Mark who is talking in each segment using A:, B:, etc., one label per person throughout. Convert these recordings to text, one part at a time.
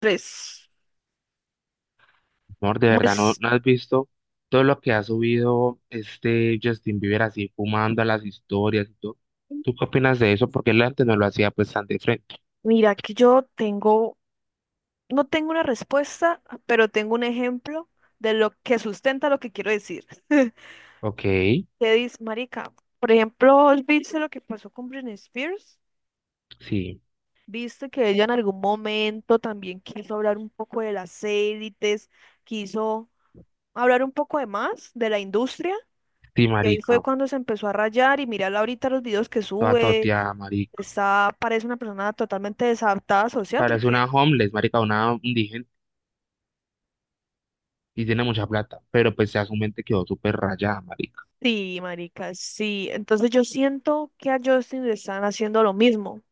A: Tres.
B: Amor, de verdad, ¿no,
A: Pues
B: no has visto todo lo que ha subido este Justin Bieber así fumando a las historias y todo? ¿Tú qué opinas de eso? Porque él antes no lo hacía pues tan de frente.
A: mira que no tengo una respuesta, pero tengo un ejemplo de lo que sustenta lo que quiero decir.
B: Ok.
A: Te dice, marica, por ejemplo, ¿viste lo que pasó con Britney Spears?
B: Sí,
A: ¿Viste que ella en algún momento también quiso hablar un poco de las élites, quiso hablar un poco de más de la industria?
B: sí,
A: Y ahí fue
B: marica,
A: cuando se empezó a rayar y mirarla ahorita los videos que
B: toda
A: sube,
B: toteada, marica.
A: parece una persona totalmente desadaptada social
B: Parece una
A: porque
B: homeless, marica, una indigente y tiene mucha plata, pero pues ya su mente quedó súper rayada, marica.
A: sí, marica, sí. Entonces yo siento que a Justin le están haciendo lo mismo.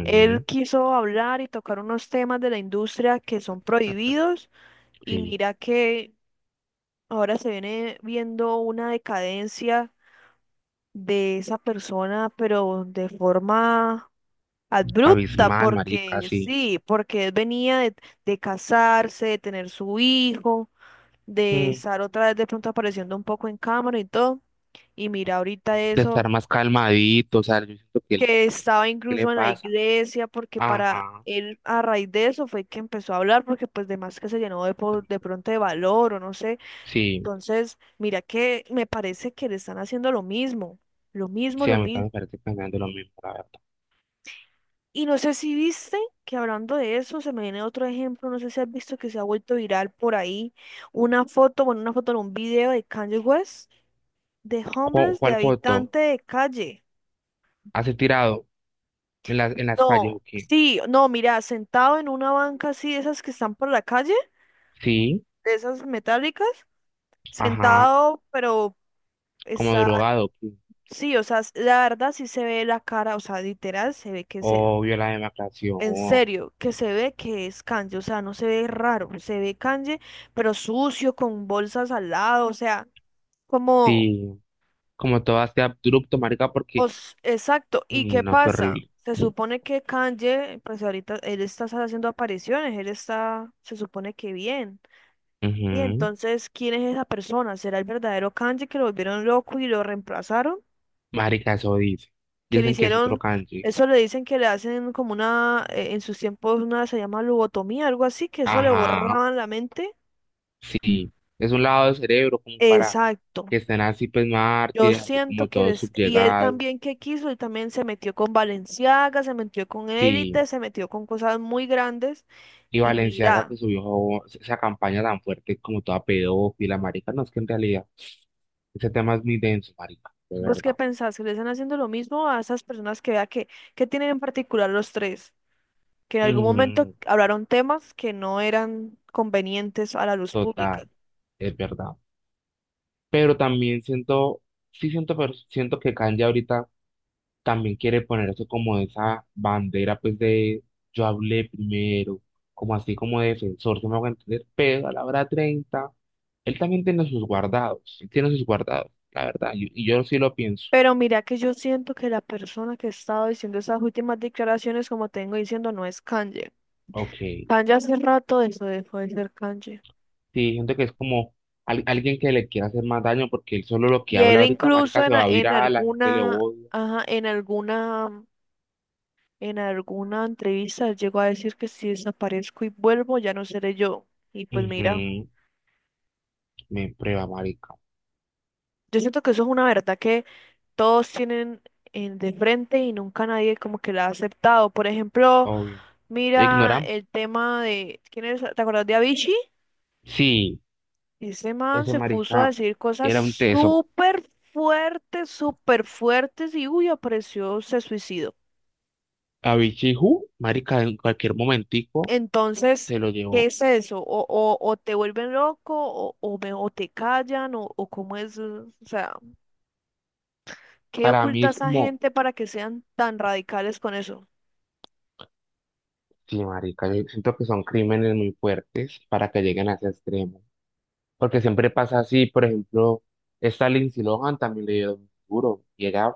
A: Él quiso hablar y tocar unos temas de la industria que son prohibidos, y
B: Sí,
A: mira que ahora se viene viendo una decadencia de esa persona, pero de forma abrupta,
B: abismal, marica,
A: porque
B: sí.
A: sí, porque él venía de casarse, de tener su hijo, de
B: Mm,
A: estar otra vez de pronto apareciendo un poco en cámara y todo. Y mira ahorita
B: de
A: eso,
B: estar más calmadito, o sea, yo siento que
A: que estaba
B: ¿qué le
A: incluso en la
B: pasa?
A: iglesia, porque para
B: Ajá,
A: él a raíz de eso fue que empezó a hablar, porque pues de más que se llenó de pronto de valor o no sé.
B: sí.
A: Entonces, mira que me parece que le están haciendo lo mismo, lo mismo,
B: Sí,
A: lo
B: a mí también
A: mismo.
B: me parece pensando lo mismo, la verdad.
A: Y no sé si viste que hablando de eso, se me viene otro ejemplo, no sé si has visto que se ha vuelto viral por ahí una foto en un video de Kanye West, de homeless, de
B: ¿Cuál foto
A: habitante de calle.
B: has tirado en en las calles
A: No,
B: o qué?
A: sí, no, mira, sentado en una banca así, de esas que están por la calle,
B: Sí,
A: de esas metálicas,
B: ajá,
A: sentado, pero
B: como
A: está,
B: drogado, ¿o qué?
A: sí, o sea, la verdad sí se ve la cara, o sea, literal, se ve que se,
B: Obvio, la
A: en
B: demacración,
A: serio, que se ve que es Kanye, o sea, no se ve raro, se ve Kanye, pero sucio, con bolsas al lado, o sea, como,
B: sí, como todo este abrupto, marica, porque,
A: os, exacto, ¿y
B: mm,
A: qué
B: no, qué
A: pasa?
B: horrible.
A: Se supone que Kanye, pues ahorita él está haciendo apariciones, se supone que bien. Y
B: Ujú.
A: entonces, ¿quién es esa persona? ¿Será el verdadero Kanji que lo volvieron loco y lo reemplazaron?
B: Marica, eso dice.
A: Que le
B: Dicen que es otro
A: hicieron,
B: kanji.
A: eso le dicen que le hacen como una, en sus tiempos una se llama lobotomía, algo así, que eso le
B: Ajá,
A: borraban la mente.
B: sí. Es un lado del cerebro como para
A: Exacto.
B: que estén así, pues,
A: Yo
B: mártires, así como
A: siento que
B: todos
A: les, y él
B: subyugados.
A: también que quiso, él también se metió con Balenciaga, se metió con
B: Sí.
A: Élite, se metió con cosas muy grandes.
B: Y
A: Y
B: Valenciaga
A: mira,
B: que subió esa campaña tan fuerte como toda pedófila, marica. No, es que en realidad ese tema es muy denso, marica, de
A: ¿vos
B: verdad.
A: qué pensás? ¿Que le están haciendo lo mismo a esas personas que vea que tienen en particular los tres? Que en algún momento
B: Mm,
A: hablaron temas que no eran convenientes a la luz
B: total,
A: pública.
B: es verdad. Pero también siento, sí siento, pero siento que Kanye ahorita también quiere poner eso como esa bandera, pues de yo hablé primero, como así como defensor, se me hago entender, pero a la hora 30 él también tiene sus guardados, él tiene sus guardados, la verdad, y yo sí lo pienso.
A: Pero mira que yo siento que la persona que estaba diciendo esas últimas declaraciones, como tengo diciendo, no es Kanye.
B: Ok.
A: Kanye hace rato de eso dejó de ser Kanye.
B: Sí, gente que es como alguien que le quiere hacer más daño porque él solo lo que
A: Y
B: habla
A: él
B: ahorita,
A: incluso
B: marica, se va a
A: en
B: virar, la gente le
A: alguna,
B: odia.
A: ajá, en alguna entrevista él llegó a decir que si desaparezco y vuelvo, ya no seré yo. Y pues mira.
B: Ujú. Me prueba, marica,
A: Yo siento que eso es una verdad que todos tienen de frente y nunca nadie como que la ha aceptado. Por ejemplo,
B: obvio.
A: mira
B: Ignoramos.
A: el tema de, ¿quién es? ¿Te acuerdas de Avicii?
B: Sí,
A: Ese man
B: ese
A: se puso a
B: marica
A: decir cosas
B: era un teso.
A: súper fuertes y uy, apareció, se suicidó.
B: A Bichiju, marica, en cualquier momentico
A: Entonces,
B: se lo
A: ¿qué
B: llevó.
A: es eso? O te vuelven loco o te callan o cómo es, o sea, ¿qué
B: Para mí
A: oculta
B: es
A: esa
B: como,
A: gente para que sean tan radicales con eso?
B: sí, marica, yo siento que son crímenes muy fuertes para que lleguen a ese extremo. Porque siempre pasa así, por ejemplo, esta Lindsay Lohan también le dio duro. Y ella,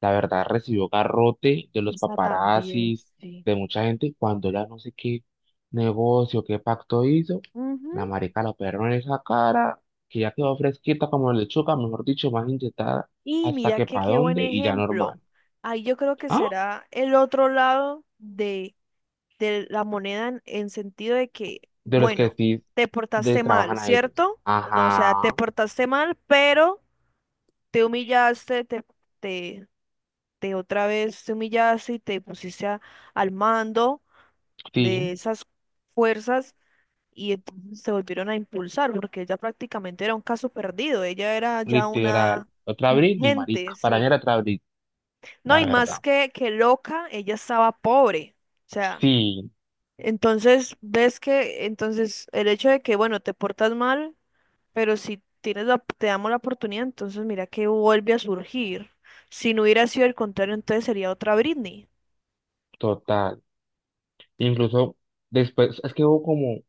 B: la verdad, recibió garrote de los
A: Esa también,
B: paparazzis,
A: sí.
B: de mucha gente, y cuando ella no sé qué negocio, qué pacto hizo,
A: Ujú.
B: la marica la operó en esa cara, que ya quedó fresquita como lechuga, mejor dicho, más inyectada,
A: Y
B: hasta
A: mira
B: que
A: que
B: pa'
A: qué buen
B: dónde, y ya
A: ejemplo.
B: normal.
A: Ahí yo creo que
B: ¿Ah?
A: será el otro lado de la moneda en sentido de que,
B: De los que
A: bueno,
B: sí
A: te portaste
B: les
A: mal,
B: trabajan a ellos.
A: ¿cierto? No, o sea, te
B: Ajá,
A: portaste mal, pero te humillaste, te, te, te otra vez te humillaste y te pusiste al mando de
B: sí,
A: esas fuerzas y entonces se volvieron a impulsar porque ella prácticamente era un caso perdido, ella era ya
B: literal.
A: una
B: Otra Britney, marica.
A: indigente,
B: Para mí
A: sí.
B: era otra Britney,
A: No,
B: la
A: y
B: verdad.
A: más que loca, ella estaba pobre, o sea,
B: Sí,
A: entonces ves que, entonces el hecho de que, bueno, te portas mal, pero si tienes la, te damos la oportunidad, entonces mira que vuelve a surgir. Si no hubiera sido el contrario, entonces sería otra Britney.
B: total. Incluso después, es que hubo como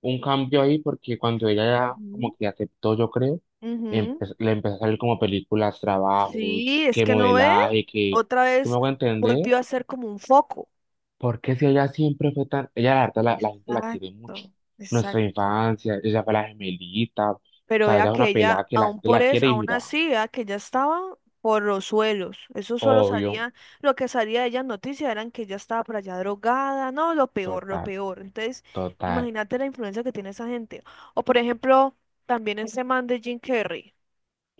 B: un cambio ahí porque cuando ella ya como
A: Ujú.
B: que aceptó, yo creo,
A: Ujú.
B: le empezó a salir como películas, trabajos,
A: Sí, es
B: que
A: que no ve,
B: modelaje, que
A: otra
B: si me
A: vez
B: hago entender,
A: volvió a ser como un foco.
B: porque si ella siempre fue tan, ella la verdad la gente la quiere mucho.
A: Exacto,
B: Nuestra
A: exacto.
B: infancia, ella fue la gemelita, o
A: Pero
B: sea,
A: vea
B: ella es
A: que
B: una
A: ella,
B: pelada que la
A: aún
B: gente
A: por
B: la
A: eso,
B: quiere y
A: aún
B: mira,
A: así, vea que ella estaba por los suelos.
B: obvio,
A: Lo que salía de ella en noticias eran que ella estaba por allá drogada, no, lo peor, lo
B: total,
A: peor. Entonces,
B: total.
A: imagínate la influencia que tiene esa gente. O por ejemplo, también ese man de Jim Carrey,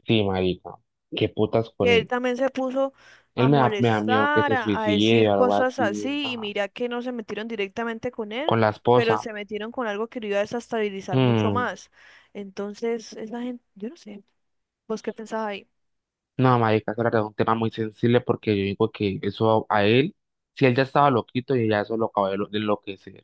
B: Sí, marica, qué putas con
A: que él
B: ella.
A: también se puso
B: Él
A: a
B: me da miedo que
A: molestar,
B: se
A: a
B: suicide
A: decir
B: o algo
A: cosas
B: así,
A: así, y
B: ay,
A: mira que no se metieron directamente con él,
B: con la
A: pero
B: esposa.
A: se metieron con algo que lo iba a desestabilizar mucho
B: Hmm.
A: más. Entonces, esa gente, yo no sé, vos qué pensabas ahí.
B: No, marica, eso era un tema muy sensible porque yo digo que eso a él, si él ya estaba loquito y ya eso lo acabó de enloquecer.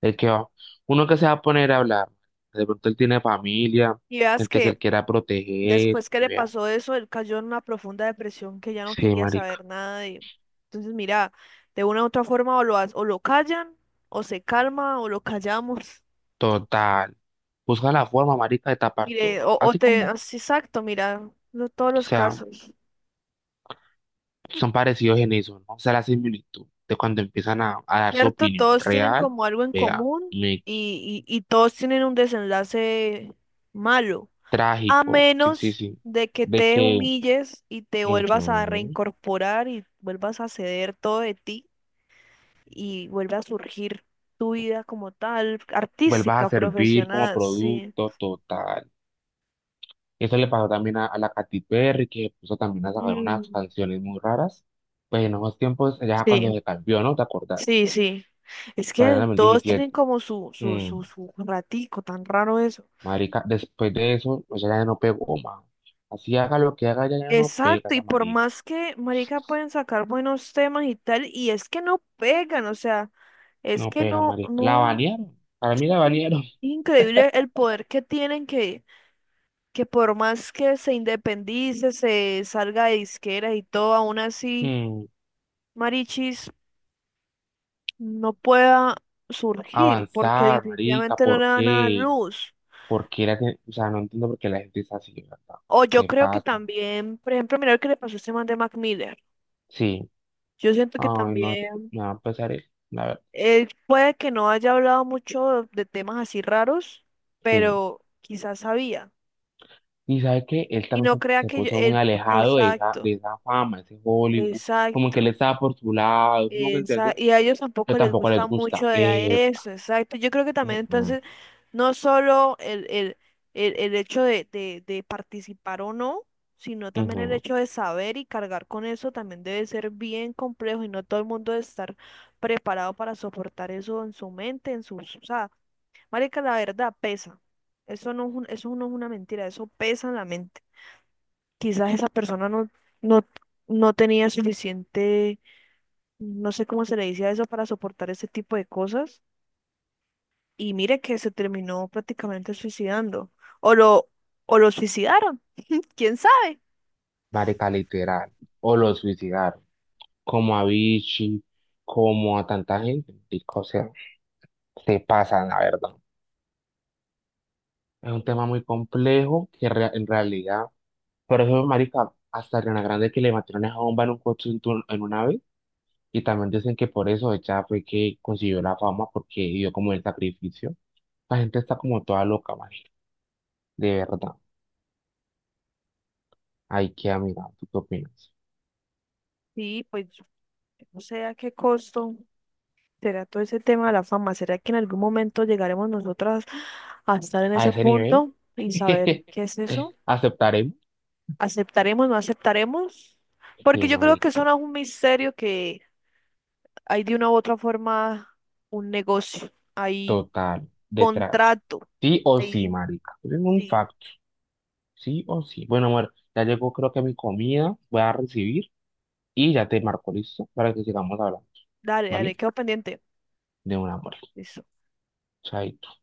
B: El que va, uno que se va a poner a hablar, de pronto él tiene familia,
A: Y veas
B: gente que él
A: que
B: quiera proteger,
A: después que
B: y
A: le
B: vea.
A: pasó eso, él cayó en una profunda depresión que ya no
B: Sí,
A: quería
B: marica,
A: saber nada de... Entonces, mira, de una u otra forma o lo callan, o se calma, o lo callamos.
B: total. Busca la forma, marica, de tapar
A: Mire,
B: todo.
A: o
B: Así
A: te...
B: como,
A: así, Exacto, mira, no todos
B: o
A: los
B: sea.
A: casos.
B: Son parecidos en eso, ¿no? O sea, la similitud de cuando empiezan a dar su
A: ¿Cierto?
B: opinión
A: Todos tienen
B: real,
A: como algo en
B: vea,
A: común
B: Mickey,
A: y todos tienen un desenlace malo, a
B: trágico, sí, sí,
A: menos
B: sí,
A: de que
B: de
A: te
B: que
A: humilles y te vuelvas a
B: ujú,
A: reincorporar y vuelvas a ceder todo de ti y vuelva a surgir tu vida como tal,
B: vuelvas
A: artística,
B: a servir como
A: profesional, sí.
B: producto total. Eso le pasó también a la Katy Perry, que puso también a sacar unas
A: Mm,
B: canciones muy raras, pues en esos tiempos, ya cuando
A: sí,
B: se cambió, ¿no? ¿Te acordás?
A: sí, sí. Es
B: Para el
A: que todos tienen
B: 2017.
A: como
B: Mm,
A: su ratico, tan raro eso.
B: marica, después de eso, o sea, ya no pegó más. Así haga lo que haga, ya, ya no pega
A: Exacto, y
B: esa
A: por
B: marica.
A: más que, marica, pueden sacar buenos temas y tal, y es que no pegan, o sea, es
B: No
A: que
B: pega, marica. La
A: no,
B: banearon. Para mí la
A: es
B: banearon.
A: increíble el poder que tienen que por más que se independice, se salga de disqueras y todo, aún así,
B: Hmm.
A: Marichis no pueda surgir, porque
B: Avanzar, marica.
A: definitivamente no le
B: ¿Por
A: van a dar
B: qué?
A: luz.
B: ¿Por qué la gente? O sea, no entiendo por qué la gente es así, ¿verdad?
A: O yo
B: Se
A: creo que
B: pasa.
A: también, por ejemplo, mira lo que le pasó a este man de Mac Miller.
B: Sí.
A: Yo siento que
B: Ay, no.
A: también
B: Me va a empezar él. La verdad.
A: él puede que no haya hablado mucho de temas así raros,
B: Sí.
A: pero quizás sabía.
B: Y sabe que él
A: Y no
B: también
A: crea
B: se
A: que yo,
B: puso muy
A: él,
B: alejado
A: exacto,
B: de esa fama, ese Hollywood. Como que él
A: exacto.
B: estaba por su lado. ¿Sí me entiende?
A: Y a ellos
B: Pero
A: tampoco les
B: tampoco
A: gusta
B: les
A: mucho
B: gusta.
A: de a eso,
B: Epa.
A: exacto. Yo creo que también
B: Ujú,
A: entonces, no solo el hecho de participar o no, sino también el
B: ujú.
A: hecho de saber y cargar con eso también debe ser bien complejo y no todo el mundo debe estar preparado para soportar eso en su mente, en sus, o sea, marica, la verdad pesa. Eso no es una mentira, eso pesa en la mente. Quizás esa persona no, no tenía suficiente, no sé cómo se le dice a eso, para soportar ese tipo de cosas. Y mire que se terminó prácticamente suicidando. O lo, o lo suicidaron, quién sabe.
B: Marica, literal. O lo suicidaron. Como a Vichy, como a tanta gente, marica, o sea, se pasan, la verdad. Es un tema muy complejo que en realidad, por eso, marica, hasta Ariana Grande que le metieron esa bomba en un coche en, en un ave, y también dicen que por eso ella fue que consiguió la fama, porque dio como el sacrificio. La gente está como toda loca, marica, de verdad. Hay que mirar, ¿tú qué opinas?
A: Sí, pues no sé a qué costo será todo ese tema de la fama. ¿Será que en algún momento llegaremos nosotras a estar en
B: A
A: ese
B: ese nivel,
A: punto y saber qué es eso?
B: aceptaremos.
A: Aceptaremos, no aceptaremos, porque
B: Sí,
A: yo creo que
B: marica.
A: eso no es un misterio que hay de una u otra forma un negocio, hay
B: Total, detrás.
A: contrato,
B: Sí o sí,
A: ahí
B: marica. Es un
A: sí,
B: facto. Sí o sí. Bueno, amor, ya llegó creo que mi comida. Voy a recibir y ya te marco listo para que sigamos hablando.
A: dale, dale,
B: ¿Vale?
A: quedo pendiente.
B: De un amor.
A: Listo.
B: Chaito.